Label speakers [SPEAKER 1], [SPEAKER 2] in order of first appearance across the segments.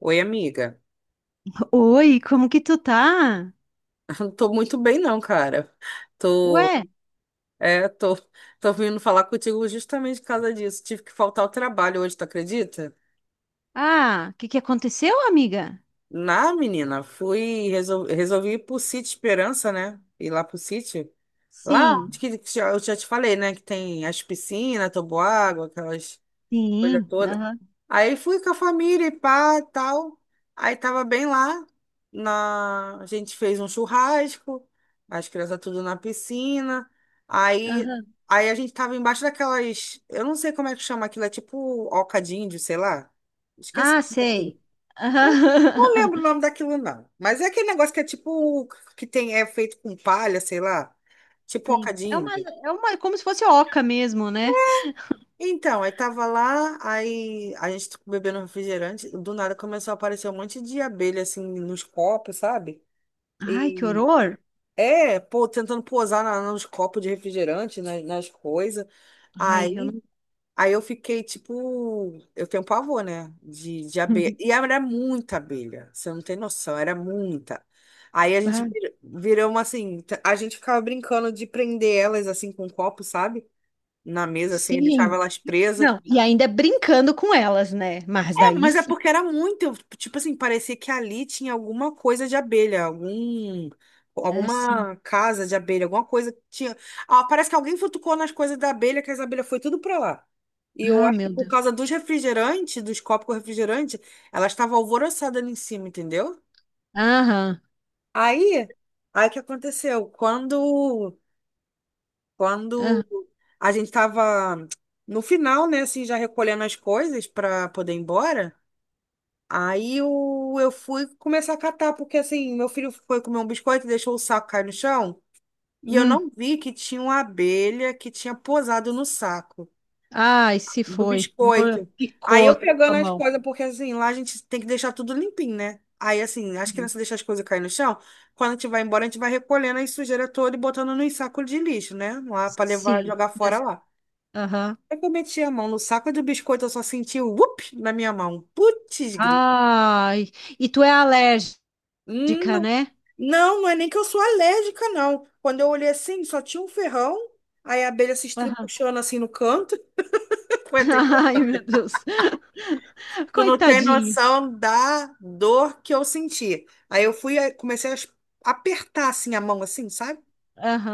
[SPEAKER 1] Oi, amiga.
[SPEAKER 2] Oi, como que tu tá?
[SPEAKER 1] Não tô muito bem, não, cara. Tô,
[SPEAKER 2] Ué?
[SPEAKER 1] é, tô, tô vindo falar contigo justamente por causa disso. Tive que faltar ao trabalho hoje, tu acredita?
[SPEAKER 2] Ah, o que que aconteceu, amiga?
[SPEAKER 1] Na, menina, fui, resolvi ir pro Sítio Esperança, né? Ir lá pro Sítio. Lá, onde
[SPEAKER 2] Sim.
[SPEAKER 1] que eu já te falei, né? Que tem as piscinas, toboágua, aquelas coisa
[SPEAKER 2] Sim,
[SPEAKER 1] toda.
[SPEAKER 2] aham.
[SPEAKER 1] Aí fui com a família e pá, tal. Aí tava bem lá. A gente fez um churrasco, as crianças tudo na piscina. Aí,
[SPEAKER 2] Aham.
[SPEAKER 1] aí a gente tava embaixo daquelas. Eu não sei como é que chama aquilo, é tipo oca de índio, sei lá. Esqueci o
[SPEAKER 2] Ah,
[SPEAKER 1] nome
[SPEAKER 2] sei.
[SPEAKER 1] daquilo. Eu não
[SPEAKER 2] Aham.
[SPEAKER 1] lembro o nome daquilo, não. Mas é aquele negócio que é tipo. Que tem, é feito com palha, sei lá. Tipo oca
[SPEAKER 2] Sim.
[SPEAKER 1] de
[SPEAKER 2] É uma,
[SPEAKER 1] índio.
[SPEAKER 2] é uma, é como se fosse oca mesmo, né?
[SPEAKER 1] Então, aí tava lá, aí a gente bebendo refrigerante, do nada começou a aparecer um monte de abelha, assim, nos copos, sabe?
[SPEAKER 2] Ai, que
[SPEAKER 1] E
[SPEAKER 2] horror.
[SPEAKER 1] é, pô, tentando pousar nos copos de refrigerante, nas coisas.
[SPEAKER 2] Ai, eu
[SPEAKER 1] Aí,
[SPEAKER 2] não.
[SPEAKER 1] aí eu fiquei, tipo, eu tenho pavor, né? De abelha. E era muita abelha, você não tem noção, era muita. Aí a gente
[SPEAKER 2] Ah,
[SPEAKER 1] virou uma, assim, a gente ficava brincando de prender elas, assim, com um copo, sabe? Na mesa, assim, e deixava
[SPEAKER 2] sim.
[SPEAKER 1] elas presas.
[SPEAKER 2] Não, e ainda brincando com elas, né? Mas daí
[SPEAKER 1] Mas é
[SPEAKER 2] sim.
[SPEAKER 1] porque era muito, tipo assim, parecia que ali tinha alguma coisa de abelha, algum,
[SPEAKER 2] É, sim.
[SPEAKER 1] alguma casa de abelha, alguma coisa que tinha. Ah, parece que alguém futucou nas coisas da abelha, que as abelhas foi tudo pra lá. E eu
[SPEAKER 2] Ah,
[SPEAKER 1] acho que
[SPEAKER 2] meu
[SPEAKER 1] por
[SPEAKER 2] Deus.
[SPEAKER 1] causa dos refrigerantes, dos copos com refrigerante, ela estava alvoroçada ali em cima, entendeu?
[SPEAKER 2] Aham,
[SPEAKER 1] Aí, aí o que aconteceu? Quando
[SPEAKER 2] aham.
[SPEAKER 1] a gente tava no final, né, assim, já recolhendo as coisas pra poder ir embora. Aí eu fui começar a catar, porque assim, meu filho foi comer um biscoito e deixou o saco cair no chão. E eu
[SPEAKER 2] Hum.
[SPEAKER 1] não vi que tinha uma abelha que tinha posado no saco
[SPEAKER 2] Ai, se
[SPEAKER 1] do
[SPEAKER 2] foi.
[SPEAKER 1] biscoito. Aí
[SPEAKER 2] Picou a
[SPEAKER 1] eu
[SPEAKER 2] tua
[SPEAKER 1] pegando as
[SPEAKER 2] mão.
[SPEAKER 1] coisas, porque assim, lá a gente tem que deixar tudo limpinho, né? Aí assim, as crianças deixam as coisas cair no chão. Quando a gente vai embora, a gente vai recolhendo a sujeira toda e botando nos sacos de lixo, né? Lá pra levar,
[SPEAKER 2] Sim.
[SPEAKER 1] jogar fora lá.
[SPEAKER 2] Aham.
[SPEAKER 1] Aí que eu meti a mão no saco do biscoito, eu só senti o whoop na minha mão. Putz, grito.
[SPEAKER 2] Ai, e tu é alérgica, né?
[SPEAKER 1] Não, não é nem que eu sou alérgica, não. Quando eu olhei assim, só tinha um ferrão, aí a abelha se
[SPEAKER 2] Aham.
[SPEAKER 1] estribuchando assim no canto. Coitada.
[SPEAKER 2] Ai, meu Deus.
[SPEAKER 1] Tu não tem
[SPEAKER 2] Coitadinho.
[SPEAKER 1] noção da dor que eu senti. Aí eu fui, aí comecei a apertar assim a mão, assim, sabe?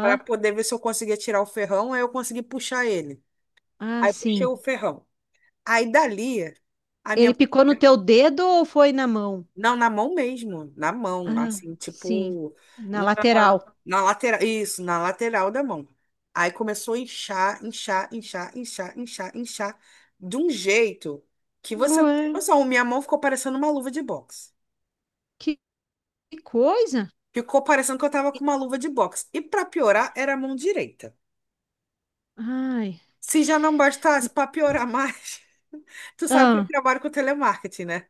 [SPEAKER 1] Para poder ver se eu conseguia tirar o ferrão, aí eu consegui puxar ele.
[SPEAKER 2] Ah,
[SPEAKER 1] Aí puxei
[SPEAKER 2] sim.
[SPEAKER 1] o ferrão. Aí dali, a
[SPEAKER 2] Ele
[SPEAKER 1] minha...
[SPEAKER 2] picou no teu dedo ou foi na mão?
[SPEAKER 1] Não, na mão mesmo, na mão,
[SPEAKER 2] Ah,
[SPEAKER 1] assim,
[SPEAKER 2] sim.
[SPEAKER 1] tipo,
[SPEAKER 2] Na
[SPEAKER 1] na,
[SPEAKER 2] lateral.
[SPEAKER 1] na lateral, isso, na lateral da mão. Aí começou a inchar, de um jeito que você não
[SPEAKER 2] Ué,
[SPEAKER 1] tem noção, minha mão ficou parecendo uma luva de boxe.
[SPEAKER 2] que que coisa.
[SPEAKER 1] Ficou parecendo que eu tava com uma luva de boxe. E pra piorar, era a mão direita.
[SPEAKER 2] Ai.
[SPEAKER 1] Se já não bastasse, pra piorar mais, tu sabe que eu
[SPEAKER 2] Ah,
[SPEAKER 1] trabalho com telemarketing, né?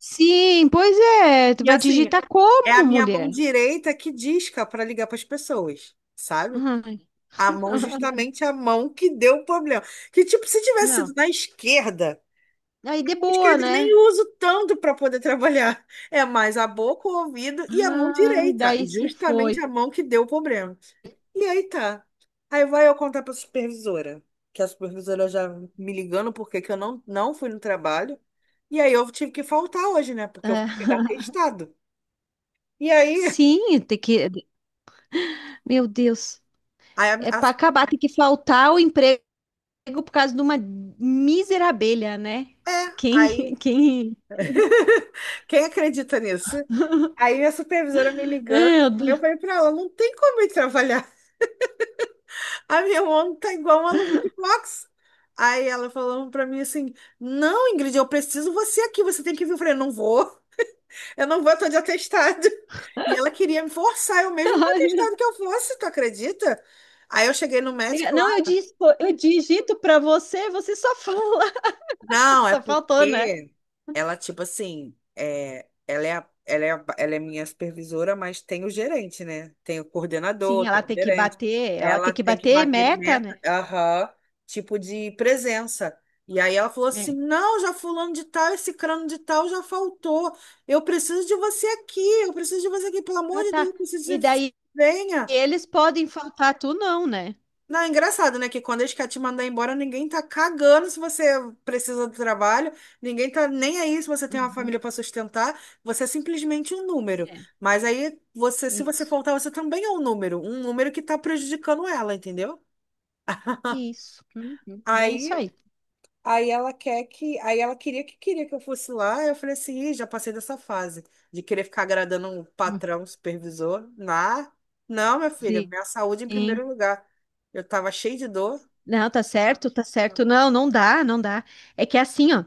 [SPEAKER 2] sim, pois é. Tu
[SPEAKER 1] E
[SPEAKER 2] vai
[SPEAKER 1] assim,
[SPEAKER 2] digitar
[SPEAKER 1] é a
[SPEAKER 2] como,
[SPEAKER 1] minha mão
[SPEAKER 2] mulher?
[SPEAKER 1] direita que disca pra ligar pras pessoas, sabe?
[SPEAKER 2] Ai.
[SPEAKER 1] A mão, justamente a mão que deu o problema. Que, tipo, se tivesse sido
[SPEAKER 2] Não.
[SPEAKER 1] na esquerda,
[SPEAKER 2] Aí de
[SPEAKER 1] a
[SPEAKER 2] boa,
[SPEAKER 1] esquerda nem
[SPEAKER 2] né?
[SPEAKER 1] uso tanto para poder trabalhar. É mais a boca, o ouvido e a mão
[SPEAKER 2] Ai,
[SPEAKER 1] direita.
[SPEAKER 2] daí se
[SPEAKER 1] Justamente
[SPEAKER 2] foi.
[SPEAKER 1] a mão que deu o problema. E aí tá. Aí vai eu contar para a supervisora. Que a supervisora já me ligando porque que eu não fui no trabalho. E aí eu tive que faltar hoje, né? Porque eu
[SPEAKER 2] É.
[SPEAKER 1] fui pegar testado. E aí,
[SPEAKER 2] Sim, tem que. Meu Deus.
[SPEAKER 1] aí
[SPEAKER 2] É para
[SPEAKER 1] a-
[SPEAKER 2] acabar, tem que faltar o emprego por causa de uma mísera abelha, né?
[SPEAKER 1] é,
[SPEAKER 2] Quem,
[SPEAKER 1] aí,
[SPEAKER 2] quem.
[SPEAKER 1] quem acredita nisso? Aí minha supervisora me ligando,
[SPEAKER 2] Meu
[SPEAKER 1] eu
[SPEAKER 2] Deus.
[SPEAKER 1] falei pra ela, não tem como eu trabalhar. A minha mão tá igual uma luva de boxe. Aí ela falando pra mim assim, não, Ingrid, eu preciso você aqui, você tem que vir. Eu falei, não vou, eu não vou, eu tô de atestado. E ela queria me forçar, eu mesmo com o
[SPEAKER 2] Ai, meu
[SPEAKER 1] atestado que eu fosse, tu acredita? Aí eu cheguei no médico.
[SPEAKER 2] Deus. Não, eu disse, eu digito para você, você só fala.
[SPEAKER 1] Não, é
[SPEAKER 2] Só faltou, né?
[SPEAKER 1] porque ela, tipo assim, é, ela é minha supervisora, mas tem o gerente, né? Tem o coordenador,
[SPEAKER 2] Sim,
[SPEAKER 1] tem
[SPEAKER 2] ela
[SPEAKER 1] o
[SPEAKER 2] tem que
[SPEAKER 1] gerente.
[SPEAKER 2] bater,
[SPEAKER 1] Ela tem que bater
[SPEAKER 2] meta, né?
[SPEAKER 1] meta, aham, tipo de presença. E aí ela falou assim:
[SPEAKER 2] É.
[SPEAKER 1] não, já fulano de tal, esse crano de tal já faltou. Eu preciso de você aqui, eu preciso de você aqui, pelo amor
[SPEAKER 2] Ah,
[SPEAKER 1] de Deus,
[SPEAKER 2] tá.
[SPEAKER 1] eu preciso
[SPEAKER 2] E
[SPEAKER 1] de você.
[SPEAKER 2] daí
[SPEAKER 1] Venha.
[SPEAKER 2] eles podem faltar, tu não, né?
[SPEAKER 1] Não, é engraçado, né? Que quando eles querem te mandar embora, ninguém tá cagando se você precisa do trabalho, ninguém tá nem aí se você tem uma
[SPEAKER 2] Uhum.
[SPEAKER 1] família para sustentar, você é simplesmente um número.
[SPEAKER 2] É,
[SPEAKER 1] Mas aí, você, se você
[SPEAKER 2] isso.
[SPEAKER 1] faltar, você também é um número que tá prejudicando ela, entendeu?
[SPEAKER 2] Isso. Uhum. Bem isso
[SPEAKER 1] Aí,
[SPEAKER 2] aí.
[SPEAKER 1] aí ela queria que eu fosse lá, eu falei assim, Ih, já passei dessa fase de querer ficar agradando um
[SPEAKER 2] Hum,
[SPEAKER 1] patrão, um supervisor. Nah, não, minha filha, minha saúde em
[SPEAKER 2] Sim.
[SPEAKER 1] primeiro lugar. Eu tava cheia de dor.
[SPEAKER 2] Não, tá certo, tá certo. Não, não dá, não dá. É que é assim, ó.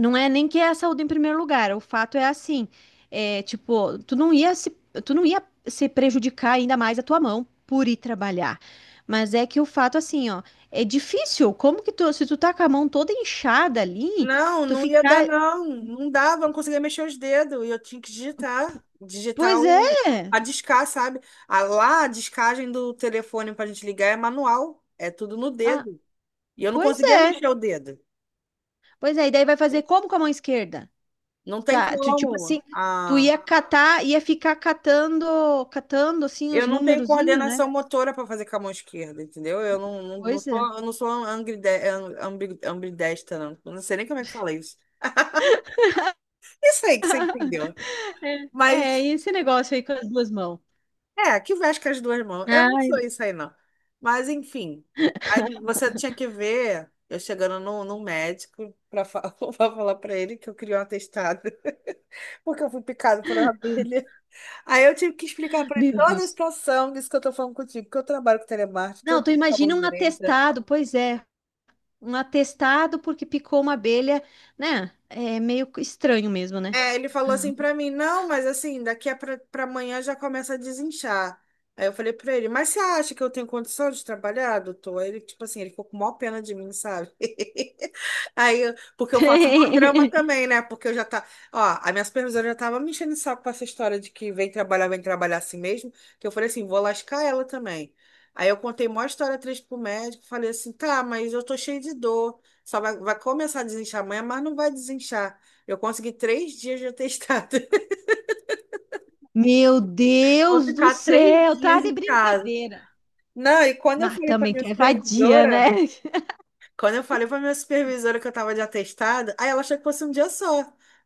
[SPEAKER 2] Não é nem que é a saúde em primeiro lugar. O fato é assim. É, tipo, tu não ia se prejudicar ainda mais a tua mão por ir trabalhar. Mas é que o fato, assim, ó, é difícil. Como que tu, se tu tá com a mão toda inchada ali,
[SPEAKER 1] Não,
[SPEAKER 2] tu
[SPEAKER 1] não ia dar,
[SPEAKER 2] ficar.
[SPEAKER 1] não. Não dava, não conseguia mexer os dedos. E eu tinha que digitar. Digitar
[SPEAKER 2] Pois
[SPEAKER 1] o,
[SPEAKER 2] é!
[SPEAKER 1] a discar, sabe? A, lá, a discagem do telefone pra gente ligar é manual. É tudo no
[SPEAKER 2] Ah,
[SPEAKER 1] dedo. E eu não
[SPEAKER 2] pois
[SPEAKER 1] conseguia
[SPEAKER 2] é.
[SPEAKER 1] mexer o dedo.
[SPEAKER 2] Pois é, e daí vai fazer como com a mão esquerda?
[SPEAKER 1] Não tem
[SPEAKER 2] Tá, tu, tipo
[SPEAKER 1] como.
[SPEAKER 2] assim, tu
[SPEAKER 1] Ah,
[SPEAKER 2] ia catar, ia ficar catando, catando assim
[SPEAKER 1] eu
[SPEAKER 2] os
[SPEAKER 1] não tenho
[SPEAKER 2] numerozinhos, né?
[SPEAKER 1] coordenação motora para fazer com a mão esquerda, entendeu? Eu não
[SPEAKER 2] Pois
[SPEAKER 1] sou,
[SPEAKER 2] é.
[SPEAKER 1] eu não sou ambidestra, não. Eu não sei nem como é que fala isso. Isso aí que você entendeu.
[SPEAKER 2] É, é,
[SPEAKER 1] Mas.
[SPEAKER 2] e esse negócio aí com as duas mãos.
[SPEAKER 1] É, que veste com as duas mãos. Eu não
[SPEAKER 2] Ai,
[SPEAKER 1] sou isso aí, não. Mas, enfim. Aí você tinha que ver eu chegando num médico para falar falar para ele que eu queria um atestado, porque eu fui picado por uma abelha. Aí eu tive que explicar para ele
[SPEAKER 2] meu
[SPEAKER 1] toda a
[SPEAKER 2] Deus.
[SPEAKER 1] situação disso que eu tô falando contigo, que eu trabalho com telemarketing, que eu
[SPEAKER 2] Não, tu
[SPEAKER 1] digo que tá bom
[SPEAKER 2] imagina um
[SPEAKER 1] direito.
[SPEAKER 2] atestado, pois é, um atestado porque picou uma abelha, né? É meio estranho mesmo, né?
[SPEAKER 1] É, ele falou assim pra mim, não, mas assim, daqui a pra amanhã já começa a desinchar. Aí eu falei pra ele, mas você acha que eu tenho condição de trabalhar, doutor? Aí ele, tipo assim, ele ficou com maior pena de mim, sabe? Aí, porque eu faço maior drama também, né? Porque eu já tá, ó, a minha supervisora já tava me enchendo o saco com essa história de que vem trabalhar assim mesmo, que eu falei assim, vou lascar ela também. Aí eu contei maior história triste pro médico, falei assim, tá, mas eu tô cheio de dor, só vai, vai começar a desinchar amanhã, mas não vai desinchar. Eu consegui 3 dias de atestado.
[SPEAKER 2] Meu
[SPEAKER 1] Vou
[SPEAKER 2] Deus do
[SPEAKER 1] ficar três
[SPEAKER 2] céu, tá
[SPEAKER 1] dias
[SPEAKER 2] de
[SPEAKER 1] em casa.
[SPEAKER 2] brincadeira.
[SPEAKER 1] Não, e quando eu
[SPEAKER 2] Mas
[SPEAKER 1] falei para
[SPEAKER 2] também
[SPEAKER 1] minha
[SPEAKER 2] tu é vadia, né?
[SPEAKER 1] supervisora, quando eu falei para minha supervisora que eu estava de atestado, aí ela achou que fosse um dia só.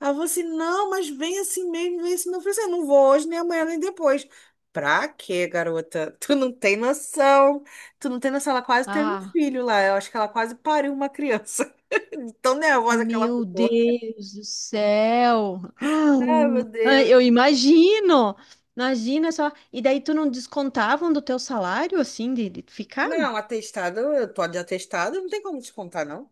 [SPEAKER 1] Ela falou assim: não, mas vem assim mesmo, vem assim mesmo. Eu falei assim: eu não vou hoje, nem amanhã, nem depois. Pra quê, garota? Tu não tem noção. Tu não tem noção. Ela quase teve um
[SPEAKER 2] Ah.
[SPEAKER 1] filho lá. Eu acho que ela quase pariu uma criança. Tão nervosa que ela
[SPEAKER 2] Meu
[SPEAKER 1] ficou.
[SPEAKER 2] Deus do céu! Ah,
[SPEAKER 1] Ai, meu Deus.
[SPEAKER 2] ai, eu imagino! Imagina só. E daí tu não descontavam do teu salário, assim, de ficar?
[SPEAKER 1] Não, atestado, eu tô de atestado, não tem como descontar, não.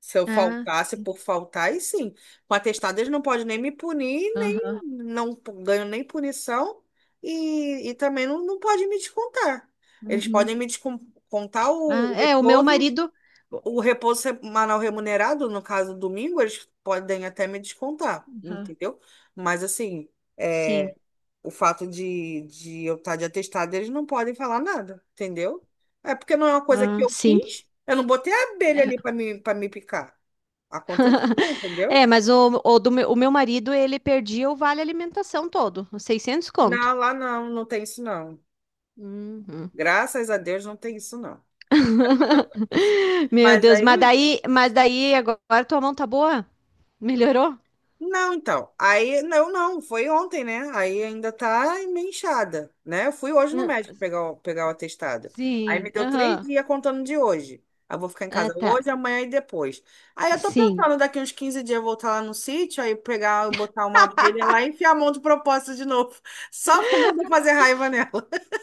[SPEAKER 1] Se eu
[SPEAKER 2] Ah,
[SPEAKER 1] faltasse
[SPEAKER 2] sim.
[SPEAKER 1] por faltar, aí sim. Com atestado, eles não podem nem me punir, nem
[SPEAKER 2] Aham.
[SPEAKER 1] não p- ganho nem punição e também não pode me descontar. Eles
[SPEAKER 2] Uhum.
[SPEAKER 1] podem me descontar
[SPEAKER 2] Ah, é, o meu marido.
[SPEAKER 1] o repouso semanal remunerado, no caso domingo, eles podem até me descontar,
[SPEAKER 2] Aham.
[SPEAKER 1] entendeu? Mas assim.
[SPEAKER 2] Sim.
[SPEAKER 1] É, o fato de eu estar de atestado, eles não podem falar nada, entendeu? É porque não é uma coisa que
[SPEAKER 2] Ah,
[SPEAKER 1] eu
[SPEAKER 2] sim.
[SPEAKER 1] quis. Eu não botei a abelha ali para me picar. Aconteceu, entendeu?
[SPEAKER 2] É, mas, o meu marido, ele perdia o vale alimentação todo, os 600
[SPEAKER 1] Não,
[SPEAKER 2] conto.
[SPEAKER 1] lá não, não tem isso não.
[SPEAKER 2] Uhum.
[SPEAKER 1] Graças a Deus não tem isso não.
[SPEAKER 2] Meu
[SPEAKER 1] Mas
[SPEAKER 2] Deus, mas
[SPEAKER 1] aí.
[SPEAKER 2] daí, mas daí agora tua mão tá boa? Melhorou?
[SPEAKER 1] Não, então. Aí, não, não, foi ontem, né? Aí ainda tá meio inchada, né? Eu fui hoje no médico pegar o, pegar o atestado. Aí me
[SPEAKER 2] Sim,
[SPEAKER 1] deu três
[SPEAKER 2] aham.
[SPEAKER 1] dias contando de hoje. Aí eu vou ficar em
[SPEAKER 2] Ah,
[SPEAKER 1] casa
[SPEAKER 2] tá.
[SPEAKER 1] hoje, amanhã e depois. Aí eu tô
[SPEAKER 2] Sim,
[SPEAKER 1] pensando, daqui uns 15 dias eu voltar lá no sítio, aí pegar, botar uma abelha lá e enfiar a mão de propósito de novo. Só pra poder fazer raiva.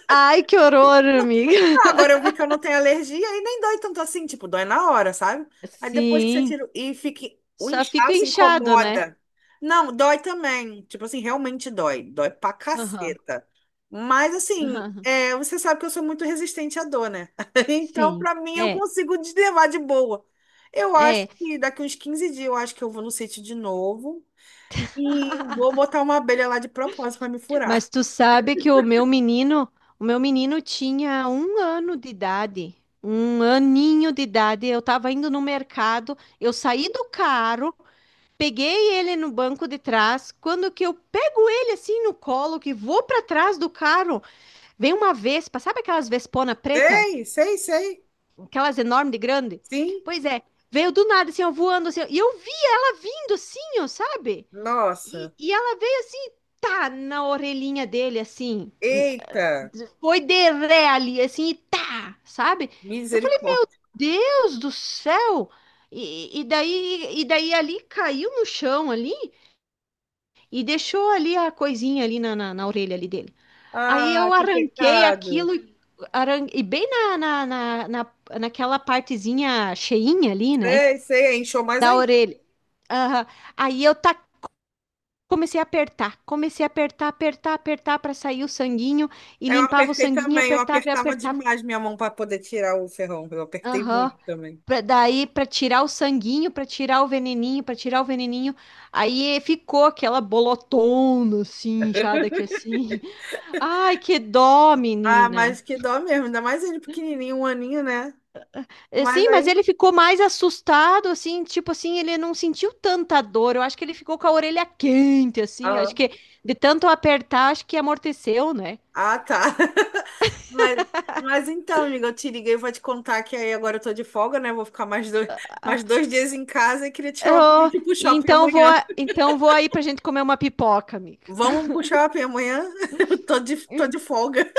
[SPEAKER 2] ai, que horror, amiga.
[SPEAKER 1] Não, agora eu vi que eu não tenho alergia e nem dói tanto assim, tipo, dói na hora, sabe? Aí depois que você
[SPEAKER 2] sim.
[SPEAKER 1] tira e fica o
[SPEAKER 2] Só fica
[SPEAKER 1] inchaço
[SPEAKER 2] inchado, né?
[SPEAKER 1] incomoda. Não, dói também. Tipo assim, realmente dói. Dói pra
[SPEAKER 2] Aham,
[SPEAKER 1] caceta. Mas assim,
[SPEAKER 2] aham.
[SPEAKER 1] é, você sabe que eu sou muito resistente à dor, né? Então,
[SPEAKER 2] Sim,
[SPEAKER 1] pra mim, eu
[SPEAKER 2] é,
[SPEAKER 1] consigo levar de boa. Eu acho
[SPEAKER 2] é.
[SPEAKER 1] que daqui uns 15 dias eu acho que eu vou no sítio de novo e vou botar uma abelha lá de propósito pra me
[SPEAKER 2] Mas
[SPEAKER 1] furar.
[SPEAKER 2] tu sabe que o meu menino tinha um ano de idade, um aninho de idade. Eu tava indo no mercado, eu saí do carro, peguei ele no banco de trás. Quando que eu pego ele assim no colo, que vou para trás do carro, veio uma vespa, sabe aquelas vespona preta?
[SPEAKER 1] Sei, sei, sei.
[SPEAKER 2] Aquelas enormes de grande?
[SPEAKER 1] Sim.
[SPEAKER 2] Pois é, veio do nada, assim, ó, voando, assim, ó, e eu vi ela vindo, assim, ó, sabe? E,
[SPEAKER 1] Nossa.
[SPEAKER 2] e ela veio, assim, tá, na orelhinha dele, assim,
[SPEAKER 1] Eita,
[SPEAKER 2] foi de ré ali, assim, e tá, sabe? Eu falei, meu
[SPEAKER 1] misericórdia.
[SPEAKER 2] Deus do céu! E daí ali caiu no chão ali e deixou ali a coisinha ali na orelha ali dele. Aí
[SPEAKER 1] Ah,
[SPEAKER 2] eu
[SPEAKER 1] que
[SPEAKER 2] arranquei
[SPEAKER 1] pecado.
[SPEAKER 2] aquilo e e bem naquela partezinha cheinha ali, né?
[SPEAKER 1] Sei, sei, aí inchou mais
[SPEAKER 2] Da
[SPEAKER 1] ainda.
[SPEAKER 2] orelha. Aham. Aí eu ta- Comecei a apertar, comecei a apertar, apertar, apertar para sair o sanguinho e
[SPEAKER 1] Aí eu
[SPEAKER 2] limpava o
[SPEAKER 1] apertei
[SPEAKER 2] sanguinho e
[SPEAKER 1] também, eu
[SPEAKER 2] apertava e
[SPEAKER 1] apertava
[SPEAKER 2] apertava.
[SPEAKER 1] demais minha mão para poder tirar o ferrão. Eu apertei
[SPEAKER 2] Aham.
[SPEAKER 1] muito também.
[SPEAKER 2] Daí para tirar o sanguinho, para tirar o veneninho, para tirar o veneninho. Aí ficou aquela bolotona assim, inchada aqui assim. Ai, que dó,
[SPEAKER 1] Ah,
[SPEAKER 2] menina.
[SPEAKER 1] mas que dó mesmo, ainda mais ele pequenininho, um aninho, né?
[SPEAKER 2] É,
[SPEAKER 1] Mas
[SPEAKER 2] sim, mas
[SPEAKER 1] aí.
[SPEAKER 2] ele ficou mais assustado, assim, tipo assim, ele não sentiu tanta dor. Eu acho que ele ficou com a orelha quente, assim. Acho
[SPEAKER 1] Aham.
[SPEAKER 2] que de tanto apertar, acho que amorteceu, né?
[SPEAKER 1] Ah, tá. Mas, mas então, amiga, eu te liguei, vou te contar que aí agora eu tô de folga, né? Vou ficar mais dois,
[SPEAKER 2] Ah,
[SPEAKER 1] mais 2 dias em casa e queria te chamar pra
[SPEAKER 2] eu-
[SPEAKER 1] gente ir pro shopping
[SPEAKER 2] então vou,
[SPEAKER 1] amanhã.
[SPEAKER 2] então vou aí pra gente comer uma pipoca, amiga.
[SPEAKER 1] Vamos pro shopping amanhã? Eu tô de folga.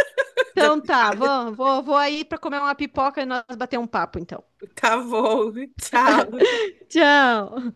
[SPEAKER 1] Já tá,
[SPEAKER 2] Então tá, vamos, vou, vou aí pra comer uma pipoca e nós bater um papo, então.
[SPEAKER 1] tá bom, tchau.
[SPEAKER 2] Tchau.